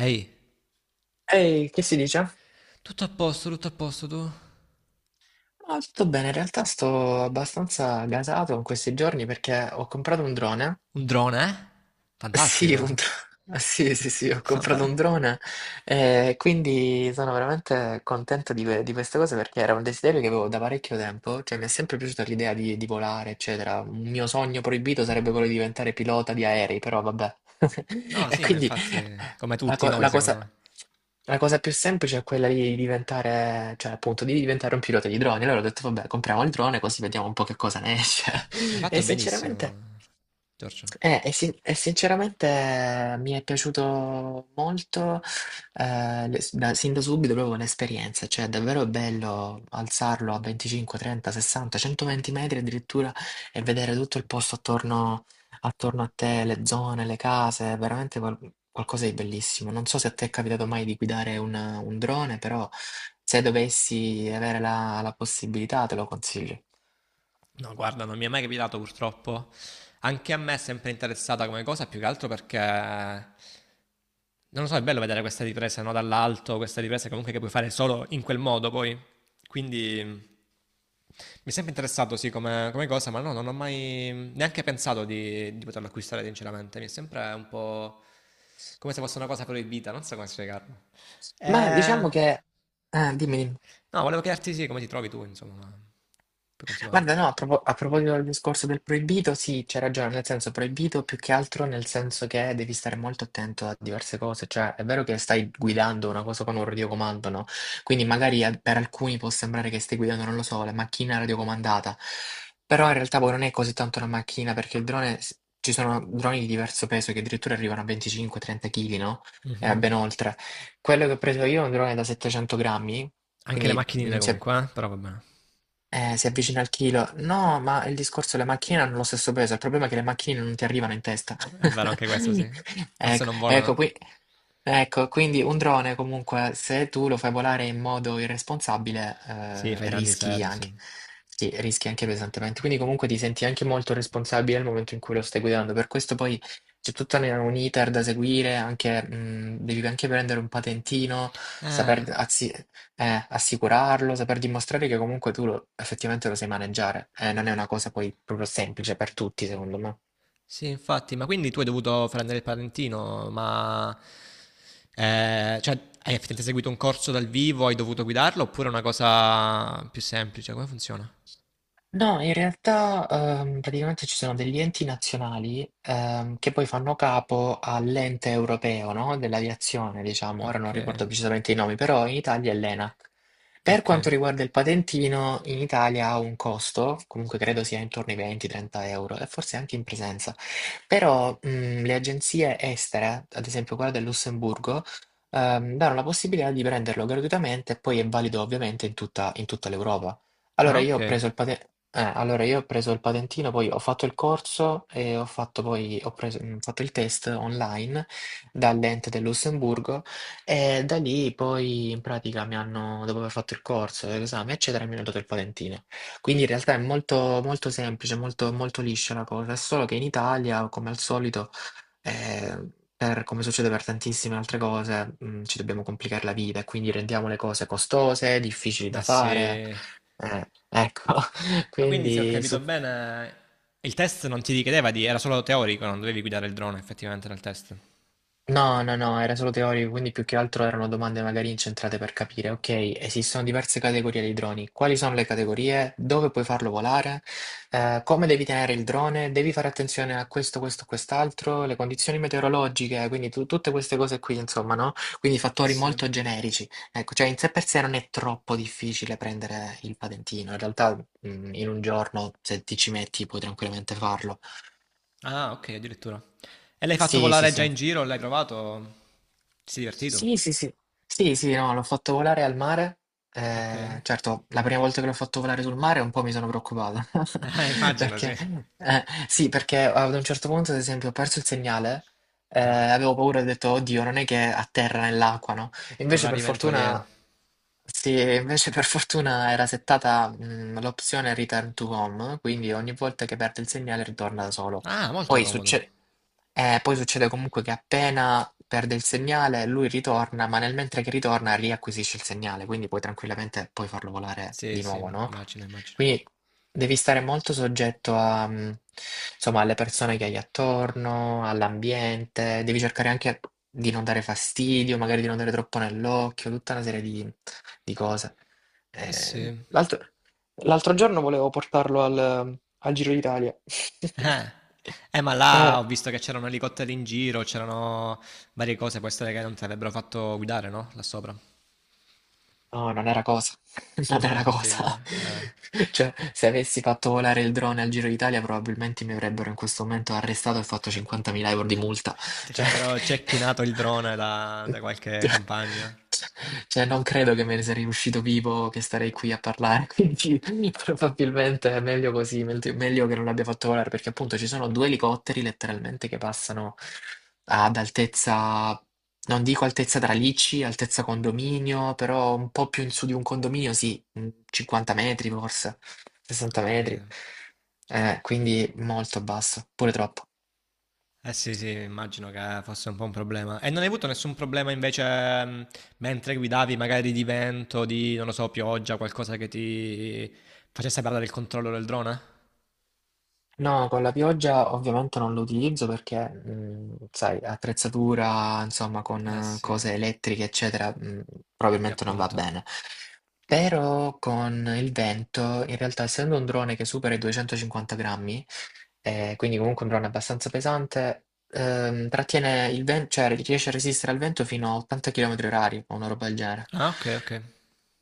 Ehi, Ehi, che si dice? Tutto a posto tu? No, tutto bene, in realtà sto abbastanza gasato in questi giorni perché ho comprato un drone. Un drone, eh? Sì, Fantastico. Sì, sì, sì, ho Fa comprato fare? un drone e quindi sono veramente contento di questa cosa perché era un desiderio che avevo da parecchio tempo, cioè mi è sempre piaciuta l'idea di volare, eccetera. Un mio sogno proibito sarebbe quello di diventare pilota di aerei, però vabbè. No, E sì, ma quindi infatti, come la tutti co- noi, la secondo cosa... me. la cosa più semplice è quella di diventare, cioè appunto, di diventare un pilota di droni. Allora ho detto, vabbè, compriamo il drone così vediamo un po' che cosa ne esce. Hai E fatto benissimo, sinceramente Giorgio. eh, e, sin- e sinceramente mi è piaciuto molto, sin da subito proprio l'esperienza, cioè è davvero bello alzarlo a 25, 30, 60, 120 metri addirittura e vedere tutto il posto attorno, attorno a te, le zone, le case, è veramente qualcosa di bellissimo. Non so se a te è capitato mai di guidare un drone, però se dovessi avere la possibilità te lo consiglio. No, guarda, non mi è mai capitato purtroppo. Anche a me è sempre interessata come cosa, più che altro perché, non lo so, è bello vedere questa ripresa, no? Dall'alto, questa ripresa comunque che puoi fare solo in quel modo poi. Quindi mi è sempre interessato, sì, come, come cosa, ma no, non ho mai neanche pensato di poterlo acquistare, sinceramente. Mi è sempre un po' come se fosse una cosa proibita, non so come spiegarlo. Ma Eh, diciamo che. Ah, dimmi, dimmi. no, volevo chiederti, sì, come ti trovi tu, insomma, ma puoi continuare. Guarda, no, a proposito del discorso del proibito, sì, c'è ragione, nel senso proibito più che altro nel senso che devi stare molto attento a diverse cose, cioè è vero che stai guidando una cosa con un radiocomando, no? Quindi magari per alcuni può sembrare che stai guidando, non lo so, la macchina radiocomandata, però in realtà poi non è così tanto una macchina perché il drone, ci sono droni di diverso peso che addirittura arrivano a 25-30 kg, no? E Mhm. ben oltre. Quello che ho preso io è un drone da 700 grammi, Anche le quindi macchinine comunque, eh? Però va bene. Si avvicina al chilo. No, ma il discorso è le macchine hanno lo stesso peso. Il problema è che le macchine non ti arrivano in testa. È vero anche questo, sì. Forse Ecco, non ecco, volano? qui, ecco, quindi un drone comunque, se tu lo fai volare in modo irresponsabile, Sì, fai danni rischi seri, sì. anche. Sì, rischi anche pesantemente. Quindi comunque ti senti anche molto responsabile nel momento in cui lo stai guidando. Per questo poi c'è tutto un iter da seguire, anche, devi anche prendere un patentino, saper, Ah, assicurarlo, saper dimostrare che comunque tu lo effettivamente lo sai maneggiare. Non è una cosa poi proprio semplice per tutti, secondo me. sì, infatti, ma quindi tu hai dovuto prendere il patentino, ma... cioè, hai effettivamente seguito un corso dal vivo, hai dovuto guidarlo, oppure è una cosa più semplice? Come funziona? No, in realtà praticamente ci sono degli enti nazionali che poi fanno capo all'ente europeo, no? Dell'aviazione, diciamo, ora non Ok, ricordo precisamente i nomi, però in Italia è l'ENAC. Per ok. quanto riguarda il patentino, in Italia ha un costo, comunque credo sia intorno ai 20-30 € e forse anche in presenza, però le agenzie estere, ad esempio quella del Lussemburgo, danno la possibilità di prenderlo gratuitamente e poi è valido ovviamente in tutta l'Europa. Allora, Ah, io ok. ho preso il patente. Allora io ho preso il patentino, poi ho fatto il corso e ho fatto poi, fatto il test online dall'ente del Lussemburgo e da lì poi in pratica mi hanno, dopo aver fatto il corso, l'esame eccetera, mi hanno dato il patentino. Quindi in realtà è molto, molto semplice, molto, molto liscia la cosa, è solo che in Italia, come al solito, eh, come succede per tantissime altre cose, ci dobbiamo complicare la vita e quindi rendiamo le cose costose, difficili da Ma fare. sì. Ecco, Ma quindi se ho quindi capito su. bene, il test non ti richiedeva di, era solo teorico, non dovevi guidare il drone effettivamente nel test. No, no, no, era solo teorico, quindi più che altro erano domande magari incentrate per capire, ok, esistono diverse categorie di droni, quali sono le categorie, dove puoi farlo volare, come devi tenere il drone, devi fare attenzione a questo, questo, quest'altro, le condizioni meteorologiche, quindi tutte queste cose qui, insomma, no? Quindi Eh fattori sì. molto generici. Ecco, cioè in sé per sé non è troppo difficile prendere il patentino, in realtà in un giorno se ti ci metti puoi tranquillamente farlo. Ah, ok, addirittura. E l'hai fatto Sì, sì, volare già sì. in giro? L'hai provato? Ti sei divertito? Sì, sì, sì. Sì, sì, no, l'ho fatto volare al mare. Ok. Certo, la prima volta che l'ho fatto volare sul mare un po' mi sono preoccupato. Immagino, sì. Perché, eh, sì, perché ad un certo punto, ad esempio, ho perso il segnale. Ah, Avevo paura e ho detto, oddio, non è che atterra nell'acqua, no? un Invece, per rarimento alieno. fortuna. Sì, e invece per fortuna era settata l'opzione return to home, quindi ogni volta che perde il segnale ritorna da solo. Ah, molto Poi comodo. succede, Poi succede comunque che appena perde il segnale lui ritorna, ma nel mentre che ritorna riacquisisce il segnale, quindi puoi tranquillamente poi farlo volare Sì, di sì, nuovo, no? immagino, immagino. Quindi devi stare molto soggetto a, insomma, alle persone che hai attorno, all'ambiente, devi cercare anche di non dare fastidio, magari di non dare troppo nell'occhio, tutta una serie di cose. Eh Eh, sì. l'altro L'altro giorno volevo portarlo al Giro d'Italia. Eh, ma là Eh. ho visto che c'erano elicotteri in giro, c'erano varie cose, può essere che non ti avrebbero fatto guidare, no? Là sopra. No, non era cosa. Non Non era era cosa. fattibile? Ah. Cioè, se avessi fatto volare il drone al Giro d'Italia, probabilmente mi avrebbero in questo momento arrestato e fatto 50.000 € di multa. Ti Cioè, avrebbero cecchinato il drone da, da qualche campagna? cioè, non credo che me ne sarei uscito vivo, che starei qui a parlare. Quindi, probabilmente è meglio così, meglio che non l'abbia fatto volare, perché appunto ci sono due elicotteri letteralmente che passano ad altezza. Non dico altezza tralicci, altezza condominio, però un po' più in su di un condominio, sì, 50 metri forse, Ho 60 metri, capito. Quindi molto basso, pure troppo. Eh sì, sì, immagino che fosse un po' un problema. E non hai avuto nessun problema invece mentre guidavi, magari di vento, di, non lo so, pioggia, qualcosa che ti facesse perdere il controllo del drone? No, con la pioggia ovviamente non lo utilizzo perché, sai, attrezzatura, insomma, con Eh sì, cose elettriche, eccetera, sì, probabilmente non va appunto. bene. Però con il vento, in realtà, essendo un drone che supera i 250 grammi, quindi comunque un drone abbastanza pesante, trattiene il vento, cioè riesce a resistere al vento fino a 80 km orari, o una roba del genere. Ah, ok, ok.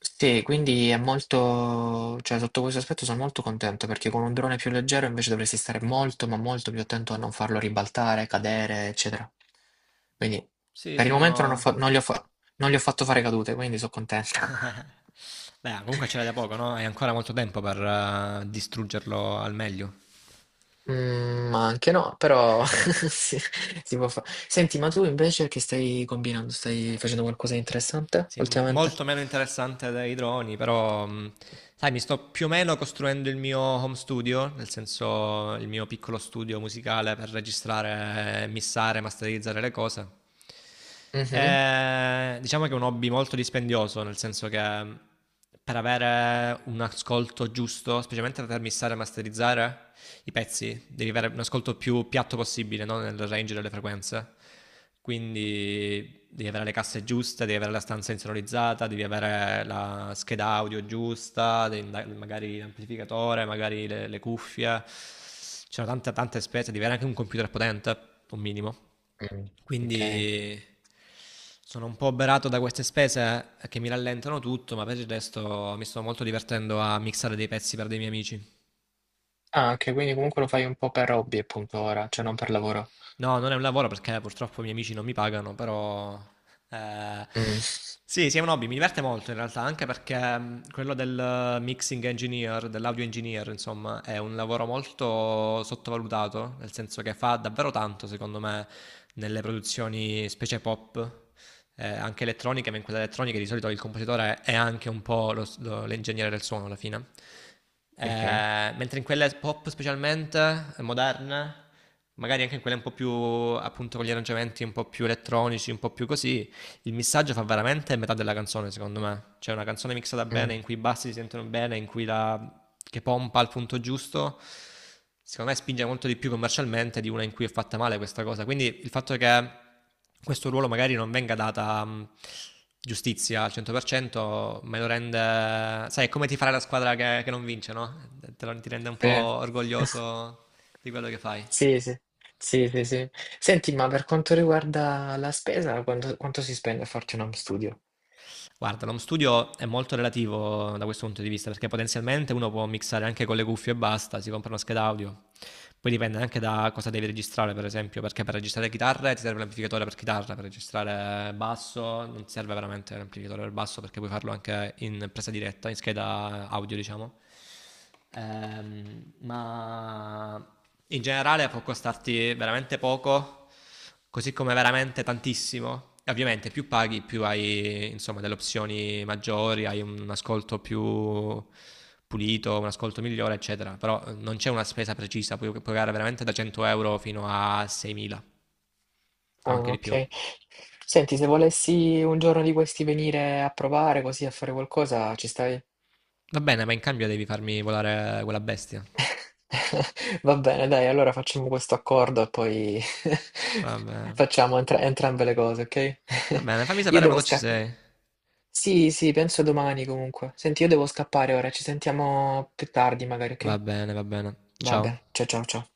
Sì, quindi è molto, cioè sotto questo aspetto sono molto contento perché con un drone più leggero invece dovresti stare molto, ma molto più attento a non farlo ribaltare, cadere, eccetera. Quindi Sì, per il sì, momento non ho no. fa- non gli ho fa- non gli ho fatto fare cadute, quindi sono contento. Beh, comunque c'era da poco, no? Hai ancora molto tempo per distruggerlo al meglio. Ma anche no, però si può fare. Senti, ma tu invece che stai combinando? Stai facendo qualcosa di interessante Sì, ultimamente? molto meno interessante dei droni, però sai, mi sto più o meno costruendo il mio home studio, nel senso il mio piccolo studio musicale per registrare, missare, masterizzare le cose. Mhm. Diciamo che è un hobby molto dispendioso, nel senso che per avere un ascolto giusto, specialmente per missare e masterizzare i pezzi, devi avere un ascolto più piatto possibile, no? Nel range delle frequenze. Quindi devi avere le casse giuste, devi avere la stanza insonorizzata, devi avere la scheda audio giusta, devi magari l'amplificatore, magari le cuffie. C'erano tante, tante spese, devi avere anche un computer potente, un minimo. Mm, ok. Quindi sono un po' oberato da queste spese che mi rallentano tutto, ma per il resto mi sto molto divertendo a mixare dei pezzi per dei miei amici. Ah, anche, quindi comunque lo fai un po' per hobby appunto ora, cioè non per lavoro. No, non è un lavoro perché purtroppo i miei amici non mi pagano, però... eh, Mm, sì, sì, è un hobby, mi diverte molto in realtà, anche perché quello del mixing engineer, dell'audio engineer, insomma, è un lavoro molto sottovalutato, nel senso che fa davvero tanto, secondo me, nelle produzioni specie pop anche elettronica, ma in quella elettronica di solito il compositore è anche un po' l'ingegnere del suono alla fine. ok. Mentre in quelle pop specialmente, moderne, magari anche in quelle un po' più appunto con gli arrangiamenti un po' più elettronici, un po' più così, il missaggio fa veramente metà della canzone secondo me. C'è una canzone mixata bene Mm, in cui i bassi si sentono bene, in cui la che pompa al punto giusto, secondo me spinge molto di più commercialmente di una in cui è fatta male questa cosa. Quindi il fatto che questo ruolo magari non venga data giustizia al 100% me lo rende... Sai, è come ti farà la squadra che non vince, no? Te lo, ti rende un po' sì. orgoglioso di quello che fai. Sì, sì, sì, sì, sì. Senti, ma per quanto riguarda la spesa, quanto si spende a farti un home studio? Guarda, l'home studio è molto relativo da questo punto di vista, perché potenzialmente uno può mixare anche con le cuffie e basta, si compra una scheda audio. Poi dipende anche da cosa devi registrare, per esempio, perché per registrare chitarre ti serve l'amplificatore per chitarra, per registrare basso non ti serve veramente l'amplificatore per basso perché puoi farlo anche in presa diretta, in scheda audio, diciamo. Ma in generale può costarti veramente poco, così come veramente tantissimo. E ovviamente più paghi, più hai insomma delle opzioni maggiori, hai un ascolto più pulito, un ascolto migliore, eccetera. Però non c'è una spesa precisa, puoi pagare veramente da 100 euro fino a 6.000 o anche Ah, di più. ok. Senti, se volessi un giorno di questi venire a provare così a fare qualcosa, ci stai? Va bene, ma in cambio devi farmi volare quella bestia. Va bene, dai, allora facciamo questo accordo e poi Va bene. facciamo entrambe le cose, ok? Va bene, fammi Io sapere devo quando ci scappare. sei. Sì, sì, penso domani comunque. Senti, io devo scappare ora, ci sentiamo più tardi magari, Va ok? bene, va bene. Ciao. Vabbè, ciao ciao ciao.